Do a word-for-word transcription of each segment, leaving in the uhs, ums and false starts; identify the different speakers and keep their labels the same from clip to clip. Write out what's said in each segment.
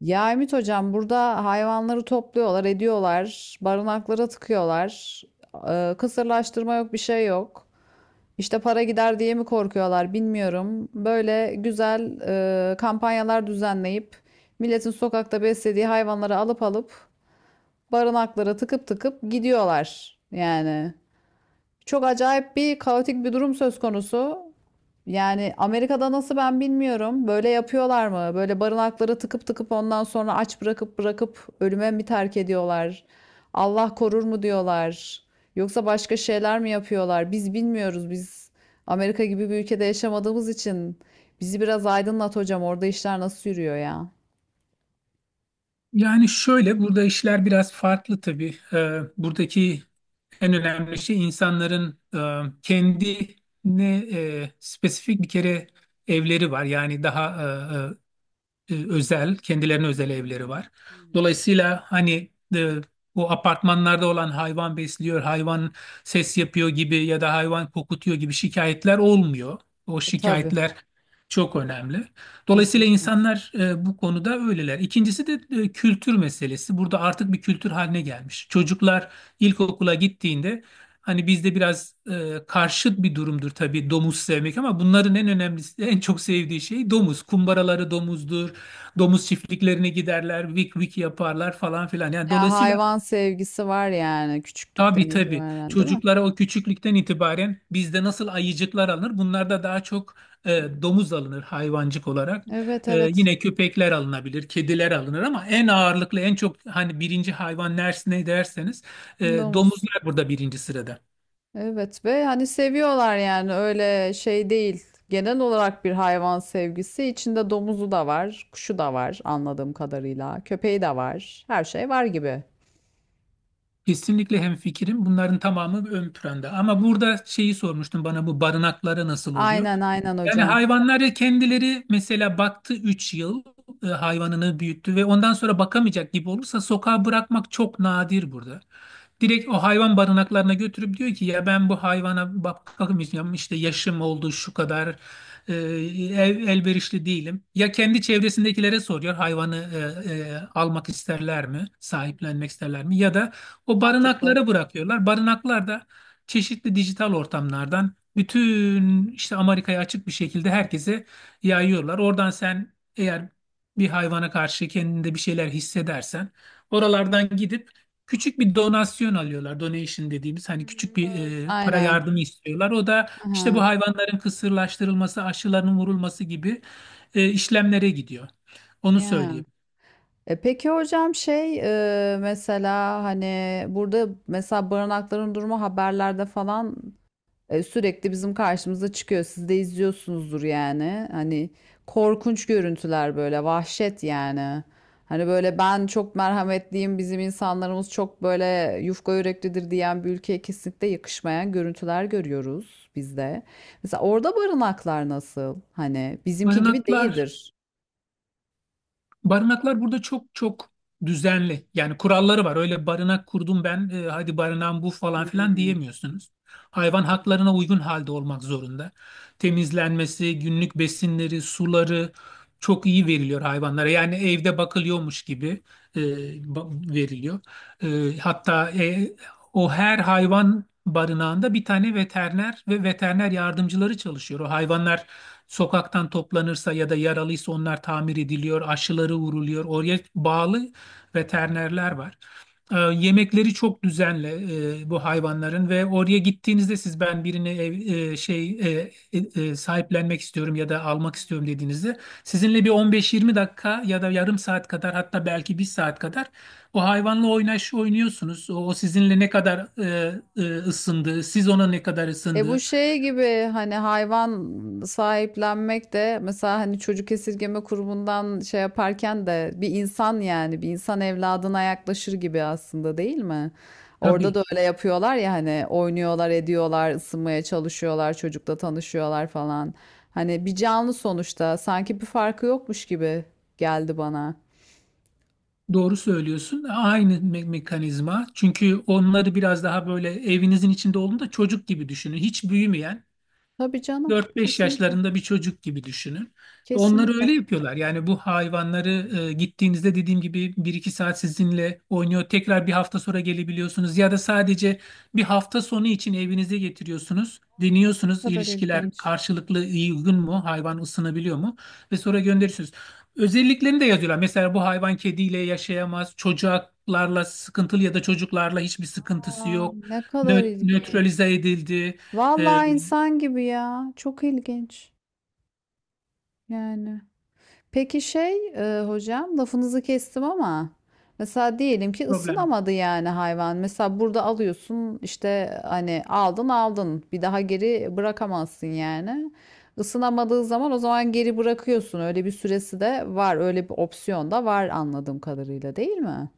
Speaker 1: Ya Ümit Hocam burada hayvanları topluyorlar, ediyorlar, barınaklara tıkıyorlar. Ee, kısırlaştırma yok, bir şey yok. İşte para gider diye mi korkuyorlar bilmiyorum. Böyle güzel e, kampanyalar düzenleyip milletin sokakta beslediği hayvanları alıp alıp barınaklara tıkıp tıkıp gidiyorlar. Yani çok acayip bir kaotik bir durum söz konusu. Yani Amerika'da nasıl ben bilmiyorum. Böyle yapıyorlar mı? Böyle barınakları tıkıp tıkıp ondan sonra aç bırakıp bırakıp ölüme mi terk ediyorlar? Allah korur mu diyorlar? Yoksa başka şeyler mi yapıyorlar? Biz bilmiyoruz. Biz Amerika gibi bir ülkede yaşamadığımız için bizi biraz aydınlat hocam. Orada işler nasıl yürüyor ya?
Speaker 2: Yani şöyle burada işler biraz farklı tabii. Ee, buradaki en önemli şey insanların e, kendine e, spesifik bir kere evleri var. Yani daha e, e, e, özel, kendilerine özel evleri var. Dolayısıyla hani e, bu apartmanlarda olan hayvan besliyor, hayvan ses yapıyor gibi ya da hayvan kokutuyor gibi şikayetler olmuyor. O
Speaker 1: E, tabii,
Speaker 2: şikayetler çok önemli. Dolayısıyla
Speaker 1: kesinlikle.
Speaker 2: insanlar e, bu konuda öyleler. İkincisi de e, kültür meselesi. Burada artık bir kültür haline gelmiş. Çocuklar ilkokula gittiğinde, hani bizde biraz e, karşıt bir durumdur tabii domuz sevmek ama bunların en önemlisi, en çok sevdiği şey domuz. Kumbaraları domuzdur, domuz çiftliklerine giderler, vik vik yaparlar falan filan. Yani
Speaker 1: Ya
Speaker 2: dolayısıyla
Speaker 1: hayvan sevgisi var yani
Speaker 2: tabii
Speaker 1: küçüklükten
Speaker 2: tabii
Speaker 1: itibaren, değil mi?
Speaker 2: çocuklara o küçüklükten itibaren bizde nasıl ayıcıklar alınır? Bunlarda daha çok e, domuz alınır hayvancık olarak.
Speaker 1: Evet,
Speaker 2: E,
Speaker 1: evet.
Speaker 2: yine köpekler alınabilir, kediler alınır ama en ağırlıklı, en çok hani birinci hayvan ders ne derseniz e,
Speaker 1: Domuz.
Speaker 2: domuzlar burada birinci sırada.
Speaker 1: Evet ve hani seviyorlar yani öyle şey değil. Genel olarak bir hayvan sevgisi. İçinde domuzu da var, kuşu da var anladığım kadarıyla. Köpeği de var. Her şey var gibi.
Speaker 2: Kesinlikle hemfikirim. Bunların tamamı ön planda. Ama burada şeyi sormuştum bana, bu barınakları nasıl oluyor?
Speaker 1: Aynen aynen
Speaker 2: Yani
Speaker 1: hocam.
Speaker 2: hayvanlar kendileri mesela baktı, üç yıl e, hayvanını büyüttü ve ondan sonra bakamayacak gibi olursa sokağa bırakmak çok nadir burada. Direkt o hayvan barınaklarına götürüp diyor ki ya ben bu hayvana bak- bakamayacağım, işte yaşım oldu şu kadar, e, el- elverişli değilim. Ya kendi çevresindekilere soruyor hayvanı e, e, almak isterler mi, sahiplenmek isterler mi, ya da o
Speaker 1: Mantıklı.
Speaker 2: barınaklara bırakıyorlar. Barınaklar da çeşitli dijital ortamlardan bütün işte Amerika'ya açık bir şekilde herkese yayıyorlar. Oradan sen eğer bir hayvana karşı kendinde bir şeyler hissedersen oralardan gidip küçük bir donasyon alıyorlar. Donation dediğimiz
Speaker 1: Hı
Speaker 2: hani küçük
Speaker 1: hı,
Speaker 2: bir
Speaker 1: bağırsak.
Speaker 2: e, para
Speaker 1: Aynen.
Speaker 2: yardımı istiyorlar. O da işte
Speaker 1: Aha.
Speaker 2: bu hayvanların kısırlaştırılması, aşılarının vurulması gibi e, işlemlere gidiyor. Onu
Speaker 1: Yeah.
Speaker 2: söyleyeyim.
Speaker 1: E peki hocam şey e, mesela hani burada mesela barınakların durumu haberlerde falan, E, sürekli bizim karşımıza çıkıyor. Siz de izliyorsunuzdur yani. Hani korkunç görüntüler böyle vahşet yani. Hani böyle ben çok merhametliyim, bizim insanlarımız çok böyle yufka yüreklidir diyen bir ülkeye kesinlikle yakışmayan görüntüler görüyoruz biz de. Mesela orada barınaklar nasıl? Hani bizimki gibi
Speaker 2: Barınaklar
Speaker 1: değildir.
Speaker 2: Barınaklar burada çok çok düzenli. Yani kuralları var. Öyle barınak kurdum ben, e, hadi barınağım bu falan filan
Speaker 1: Hmm.
Speaker 2: diyemiyorsunuz. Hayvan haklarına uygun halde olmak zorunda. Temizlenmesi, günlük besinleri, suları çok iyi veriliyor hayvanlara. Yani evde bakılıyormuş gibi e, ba- veriliyor. E, hatta e, o her hayvan barınağında bir tane veteriner ve veteriner yardımcıları çalışıyor. O hayvanlar sokaktan toplanırsa ya da yaralıysa onlar tamir ediliyor, aşıları vuruluyor. Oraya bağlı veterinerler var. Ee, yemekleri çok düzenli e, bu hayvanların ve oraya gittiğinizde siz, ben birini ev- e, şey e, e, e, sahiplenmek istiyorum ya da almak istiyorum dediğinizde sizinle bir 15-20 dakika ya da yarım saat kadar, hatta belki bir saat kadar o hayvanla oynaş oynuyorsunuz. O, o sizinle ne kadar e, e, ısındı, siz ona ne kadar
Speaker 1: E bu
Speaker 2: ısındı.
Speaker 1: şey gibi hani hayvan sahiplenmek de mesela hani çocuk esirgeme kurumundan şey yaparken de bir insan yani bir insan evladına yaklaşır gibi aslında değil mi? Orada
Speaker 2: Tabii.
Speaker 1: da öyle yapıyorlar ya hani oynuyorlar, ediyorlar, ısınmaya çalışıyorlar, çocukla tanışıyorlar falan. Hani bir canlı sonuçta sanki bir farkı yokmuş gibi geldi bana.
Speaker 2: Doğru söylüyorsun. E, Aynı me- mekanizma. Çünkü onları biraz daha böyle evinizin içinde olduğunda çocuk gibi düşünün. Hiç büyümeyen,
Speaker 1: Tabii canım,
Speaker 2: dört beş
Speaker 1: kesinlikle.
Speaker 2: yaşlarında bir çocuk gibi düşünün. Onları
Speaker 1: Kesinlikle.
Speaker 2: öyle yapıyorlar. Yani bu hayvanları e, gittiğinizde dediğim gibi bir iki saat sizinle oynuyor. Tekrar bir hafta sonra gelebiliyorsunuz. Ya da sadece bir hafta sonu için evinize getiriyorsunuz.
Speaker 1: Ne
Speaker 2: Deniyorsunuz,
Speaker 1: kadar
Speaker 2: ilişkiler
Speaker 1: ilginç.
Speaker 2: karşılıklı iyi, uygun mu? Hayvan ısınabiliyor mu? Ve sonra gönderiyorsunuz. Özelliklerini de yazıyorlar. Mesela bu hayvan kediyle yaşayamaz. Çocuklarla sıkıntılı ya da çocuklarla hiçbir sıkıntısı
Speaker 1: Aa,
Speaker 2: yok.
Speaker 1: ne kadar
Speaker 2: Nö-
Speaker 1: ilginç.
Speaker 2: nötralize edildi. E,
Speaker 1: Vallahi insan gibi ya. Çok ilginç. Yani. Peki şey e, hocam lafınızı kestim ama mesela diyelim ki
Speaker 2: Problem.
Speaker 1: ısınamadı yani hayvan. Mesela burada alıyorsun işte hani aldın aldın bir daha geri bırakamazsın yani. Isınamadığı zaman o zaman geri bırakıyorsun. Öyle bir süresi de var. Öyle bir opsiyon da var anladığım kadarıyla değil mi?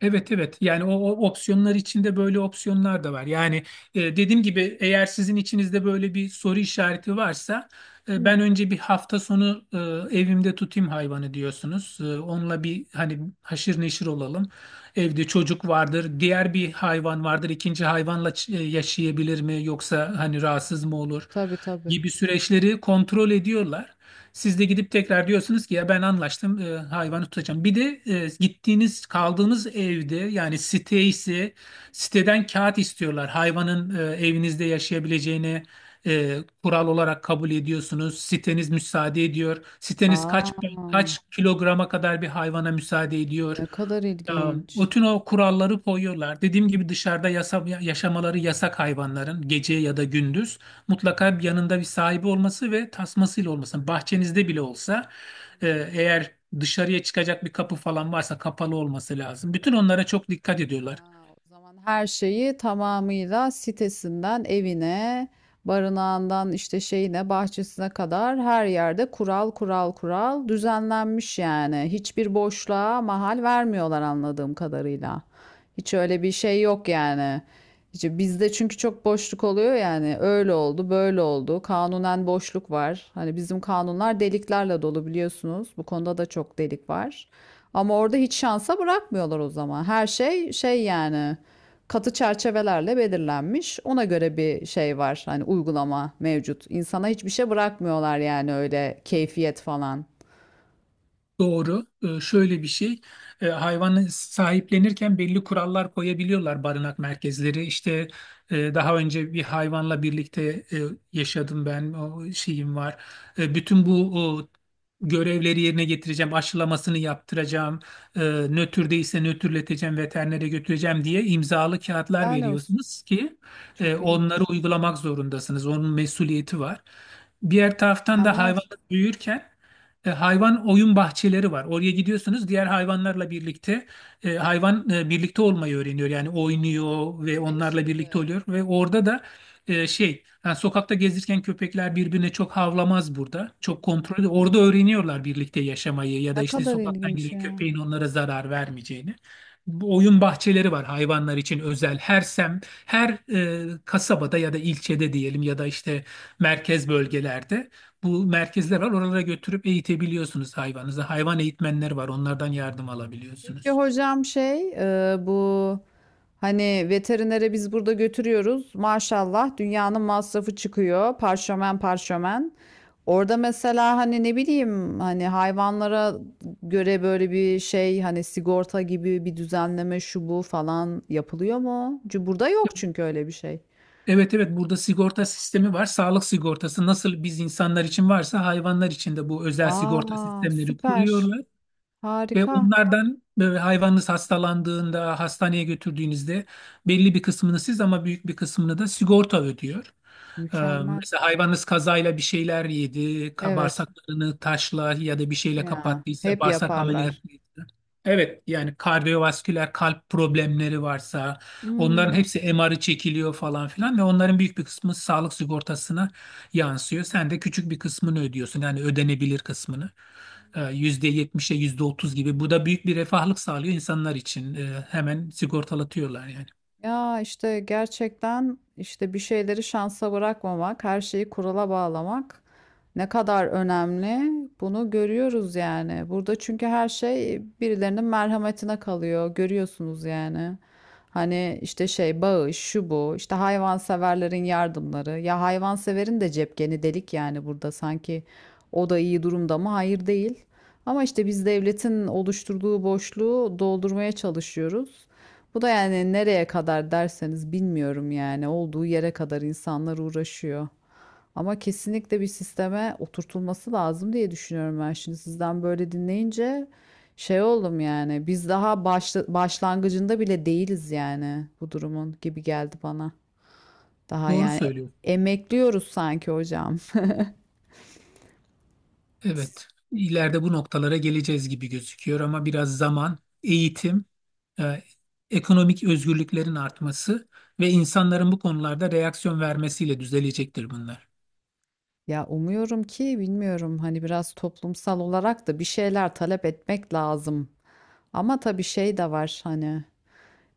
Speaker 2: Evet, evet, yani o, o opsiyonlar içinde böyle opsiyonlar da var. Yani e, dediğim gibi eğer sizin içinizde böyle bir soru işareti varsa e, ben önce bir hafta sonu e, evimde tutayım hayvanı diyorsunuz. E, onunla bir hani haşır neşir olalım. Evde çocuk vardır, diğer bir hayvan vardır. İkinci hayvanla ç- e, yaşayabilir mi, yoksa hani rahatsız mı olur
Speaker 1: Tabii tabii.
Speaker 2: gibi süreçleri kontrol ediyorlar. Siz de gidip tekrar diyorsunuz ki ya ben anlaştım, e, hayvanı tutacağım. Bir de e, gittiğiniz kaldığınız evde, yani site ise siteden kağıt istiyorlar. Hayvanın e, evinizde yaşayabileceğini e, kural olarak kabul ediyorsunuz. Siteniz müsaade ediyor. Siteniz
Speaker 1: Aa,
Speaker 2: kaç kaç kilograma kadar bir hayvana müsaade ediyor.
Speaker 1: ne kadar
Speaker 2: Ya,
Speaker 1: ilginç.
Speaker 2: bütün o kuralları koyuyorlar. Dediğim gibi dışarıda yasa, yaşamaları yasak hayvanların, gece ya da gündüz mutlaka bir yanında bir sahibi olması ve tasmasıyla olması. Bahçenizde bile olsa e, eğer dışarıya çıkacak bir kapı falan varsa kapalı olması lazım. Bütün onlara çok dikkat ediyorlar.
Speaker 1: Ya, o zaman her şeyi tamamıyla sitesinden evine, barınağından işte şeyine, bahçesine kadar her yerde kural kural kural düzenlenmiş yani. Hiçbir boşluğa mahal vermiyorlar anladığım kadarıyla. Hiç öyle bir şey yok yani. İşte bizde çünkü çok boşluk oluyor yani. Öyle oldu, böyle oldu. Kanunen boşluk var. Hani bizim kanunlar deliklerle dolu biliyorsunuz. Bu konuda da çok delik var. Ama orada hiç şansa bırakmıyorlar o zaman. Her şey şey yani katı çerçevelerle belirlenmiş. Ona göre bir şey var. Hani uygulama mevcut. İnsana hiçbir şey bırakmıyorlar yani öyle keyfiyet falan.
Speaker 2: Doğru. Ee, şöyle bir şey. Ee, hayvanı sahiplenirken belli kurallar koyabiliyorlar barınak merkezleri. İşte e, daha önce bir hayvanla birlikte e, yaşadım ben. O şeyim var. E, bütün bu o, görevleri yerine getireceğim. Aşılamasını yaptıracağım. E, Nötr değilse nötrleteceğim. Veterinere götüreceğim diye imzalı kağıtlar
Speaker 1: Helal olsun.
Speaker 2: veriyorsunuz ki e,
Speaker 1: Çok
Speaker 2: onları
Speaker 1: ilginç.
Speaker 2: uygulamak zorundasınız. Onun mesuliyeti var. Diğer taraftan da
Speaker 1: Mükemmel.
Speaker 2: hayvan büyürken e, hayvan oyun bahçeleri var. Oraya gidiyorsunuz, diğer hayvanlarla birlikte e, hayvan e, birlikte olmayı öğreniyor. Yani
Speaker 1: Aa,
Speaker 2: oynuyor ve
Speaker 1: kreş
Speaker 2: onlarla birlikte
Speaker 1: gibi.
Speaker 2: oluyor ve orada da e, şey yani sokakta gezirken köpekler birbirine çok havlamaz burada. Çok kontrol. Orada öğreniyorlar birlikte yaşamayı ya da
Speaker 1: Ne
Speaker 2: işte
Speaker 1: kadar
Speaker 2: sokaktan
Speaker 1: ilginç
Speaker 2: giren
Speaker 1: ya.
Speaker 2: köpeğin onlara zarar vermeyeceğini. Bu oyun bahçeleri var hayvanlar için özel. Her sem, her e, Kasabada ya da ilçede diyelim, ya da işte merkez bölgelerde bu merkezler var. Oralara götürüp eğitebiliyorsunuz hayvanınızı. Hayvan eğitmenleri var. Onlardan yardım
Speaker 1: Peki
Speaker 2: alabiliyorsunuz.
Speaker 1: hocam şey e, bu hani veterinere biz burada götürüyoruz. Maşallah dünyanın masrafı çıkıyor. Parşömen parşömen. Orada mesela hani ne bileyim hani hayvanlara göre böyle bir şey hani sigorta gibi bir düzenleme şu bu falan yapılıyor mu? Çünkü burada yok çünkü öyle bir şey.
Speaker 2: Evet, evet, burada sigorta sistemi var. Sağlık sigortası nasıl biz insanlar için varsa hayvanlar için de bu özel sigorta
Speaker 1: Aa,
Speaker 2: sistemleri
Speaker 1: süper.
Speaker 2: kuruyorlar. Ve
Speaker 1: Harika.
Speaker 2: onlardan böyle, hayvanınız hastalandığında hastaneye götürdüğünüzde belli bir kısmını siz, ama büyük bir kısmını da sigorta ödüyor. Ee,
Speaker 1: Mükemmel.
Speaker 2: Mesela hayvanınız kazayla bir şeyler yedi, ka-
Speaker 1: Evet.
Speaker 2: bağırsaklarını taşla ya da bir şeyle
Speaker 1: Ya
Speaker 2: kapattıysa
Speaker 1: hep
Speaker 2: bağırsak
Speaker 1: yaparlar.
Speaker 2: ameliyatıydı. Evet, yani kardiyovasküler kalp problemleri varsa onların
Speaker 1: Hmm.
Speaker 2: hepsi M R'ı çekiliyor falan filan ve onların büyük bir kısmı sağlık sigortasına yansıyor. Sen de küçük bir kısmını ödüyorsun, yani ödenebilir kısmını. Ee, yüzde yetmişe yüzde otuz gibi. Bu da büyük bir refahlık sağlıyor insanlar için. Ee, Hemen sigortalatıyorlar yani.
Speaker 1: Ya işte gerçekten işte bir şeyleri şansa bırakmamak, her şeyi kurala bağlamak ne kadar önemli bunu görüyoruz yani. Burada çünkü her şey birilerinin merhametine kalıyor, görüyorsunuz yani. Hani işte şey bağış, şu bu, işte hayvanseverlerin yardımları. Ya hayvanseverin de cepkeni delik yani burada sanki o da iyi durumda mı? Hayır değil. Ama işte biz devletin oluşturduğu boşluğu doldurmaya çalışıyoruz. Bu da yani nereye kadar derseniz bilmiyorum yani olduğu yere kadar insanlar uğraşıyor. Ama kesinlikle bir sisteme oturtulması lazım diye düşünüyorum ben şimdi sizden böyle dinleyince şey oldum yani biz daha başla- başlangıcında bile değiliz yani bu durumun gibi geldi bana. Daha
Speaker 2: Doğru
Speaker 1: yani
Speaker 2: söylüyorsun.
Speaker 1: e- emekliyoruz sanki hocam.
Speaker 2: Evet, ileride bu noktalara geleceğiz gibi gözüküyor ama biraz zaman, eğitim, e, ekonomik özgürlüklerin artması ve insanların bu konularda reaksiyon vermesiyle düzelecektir bunlar.
Speaker 1: Ya umuyorum ki bilmiyorum hani biraz toplumsal olarak da bir şeyler talep etmek lazım. Ama tabii şey de var hani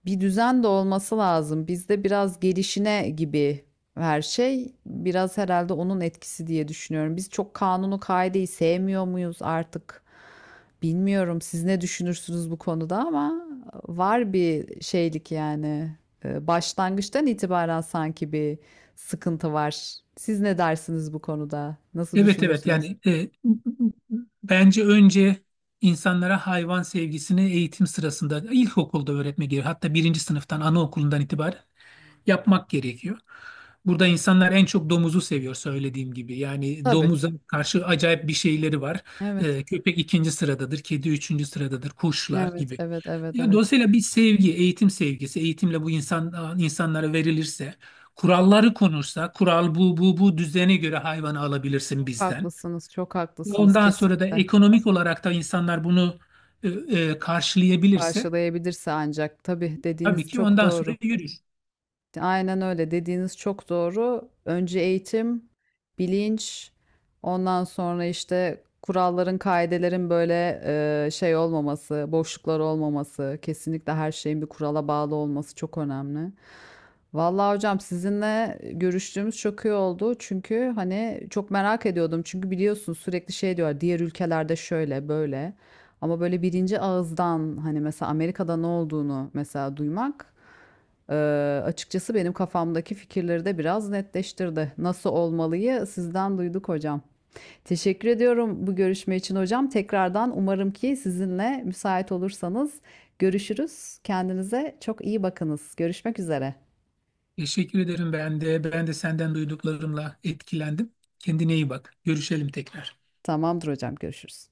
Speaker 1: bir düzen de olması lazım. Bizde biraz gelişine gibi her şey. Biraz herhalde onun etkisi diye düşünüyorum. Biz çok kanunu kaideyi sevmiyor muyuz artık? Bilmiyorum siz ne düşünürsünüz bu konuda ama var bir şeylik yani. Ee, Başlangıçtan itibaren sanki bir sıkıntı var. Siz ne dersiniz bu konuda? Nasıl
Speaker 2: Evet, evet,
Speaker 1: düşünürsünüz?
Speaker 2: yani e, bence önce insanlara hayvan sevgisini eğitim sırasında ilkokulda öğretme gerekiyor. Hatta birinci sınıftan, anaokulundan itibaren yapmak gerekiyor. Burada insanlar en çok domuzu seviyor söylediğim gibi. Yani
Speaker 1: Tabii.
Speaker 2: domuza karşı acayip bir şeyleri var.
Speaker 1: Evet.
Speaker 2: Ee, köpek ikinci sıradadır, kedi üçüncü sıradadır, kuşlar
Speaker 1: Evet,
Speaker 2: gibi.
Speaker 1: evet, evet,
Speaker 2: Ya,
Speaker 1: evet.
Speaker 2: dolayısıyla bir sevgi, eğitim sevgisi, eğitimle bu insan, insanlara verilirse, kuralları konursa, kural bu, bu, bu düzene göre hayvanı alabilirsin
Speaker 1: Çok
Speaker 2: bizden.
Speaker 1: haklısınız, çok haklısınız
Speaker 2: Ondan sonra da
Speaker 1: kesinlikle.
Speaker 2: ekonomik olarak da insanlar bunu e, e, karşılayabilirse,
Speaker 1: Karşılayabilirse ancak. Tabii
Speaker 2: tabii
Speaker 1: dediğiniz
Speaker 2: ki
Speaker 1: çok
Speaker 2: ondan
Speaker 1: doğru.
Speaker 2: sonra yürür.
Speaker 1: Aynen öyle. Dediğiniz çok doğru. Önce eğitim, bilinç, ondan sonra işte kuralların, kaidelerin böyle e, şey olmaması, boşluklar olmaması, kesinlikle her şeyin bir kurala bağlı olması çok önemli. Vallahi hocam sizinle görüştüğümüz çok iyi oldu. Çünkü hani çok merak ediyordum. Çünkü biliyorsun sürekli şey diyorlar diğer ülkelerde şöyle böyle. Ama böyle birinci ağızdan hani mesela Amerika'da ne olduğunu mesela duymak, Eee, açıkçası benim kafamdaki fikirleri de biraz netleştirdi. Nasıl olmalıyı sizden duyduk hocam. Teşekkür ediyorum bu görüşme için hocam. Tekrardan umarım ki sizinle müsait olursanız görüşürüz. Kendinize çok iyi bakınız. Görüşmek üzere.
Speaker 2: Teşekkür ederim ben de. Ben de senden duyduklarımla etkilendim. Kendine iyi bak. Görüşelim tekrar.
Speaker 1: Tamamdır hocam, görüşürüz.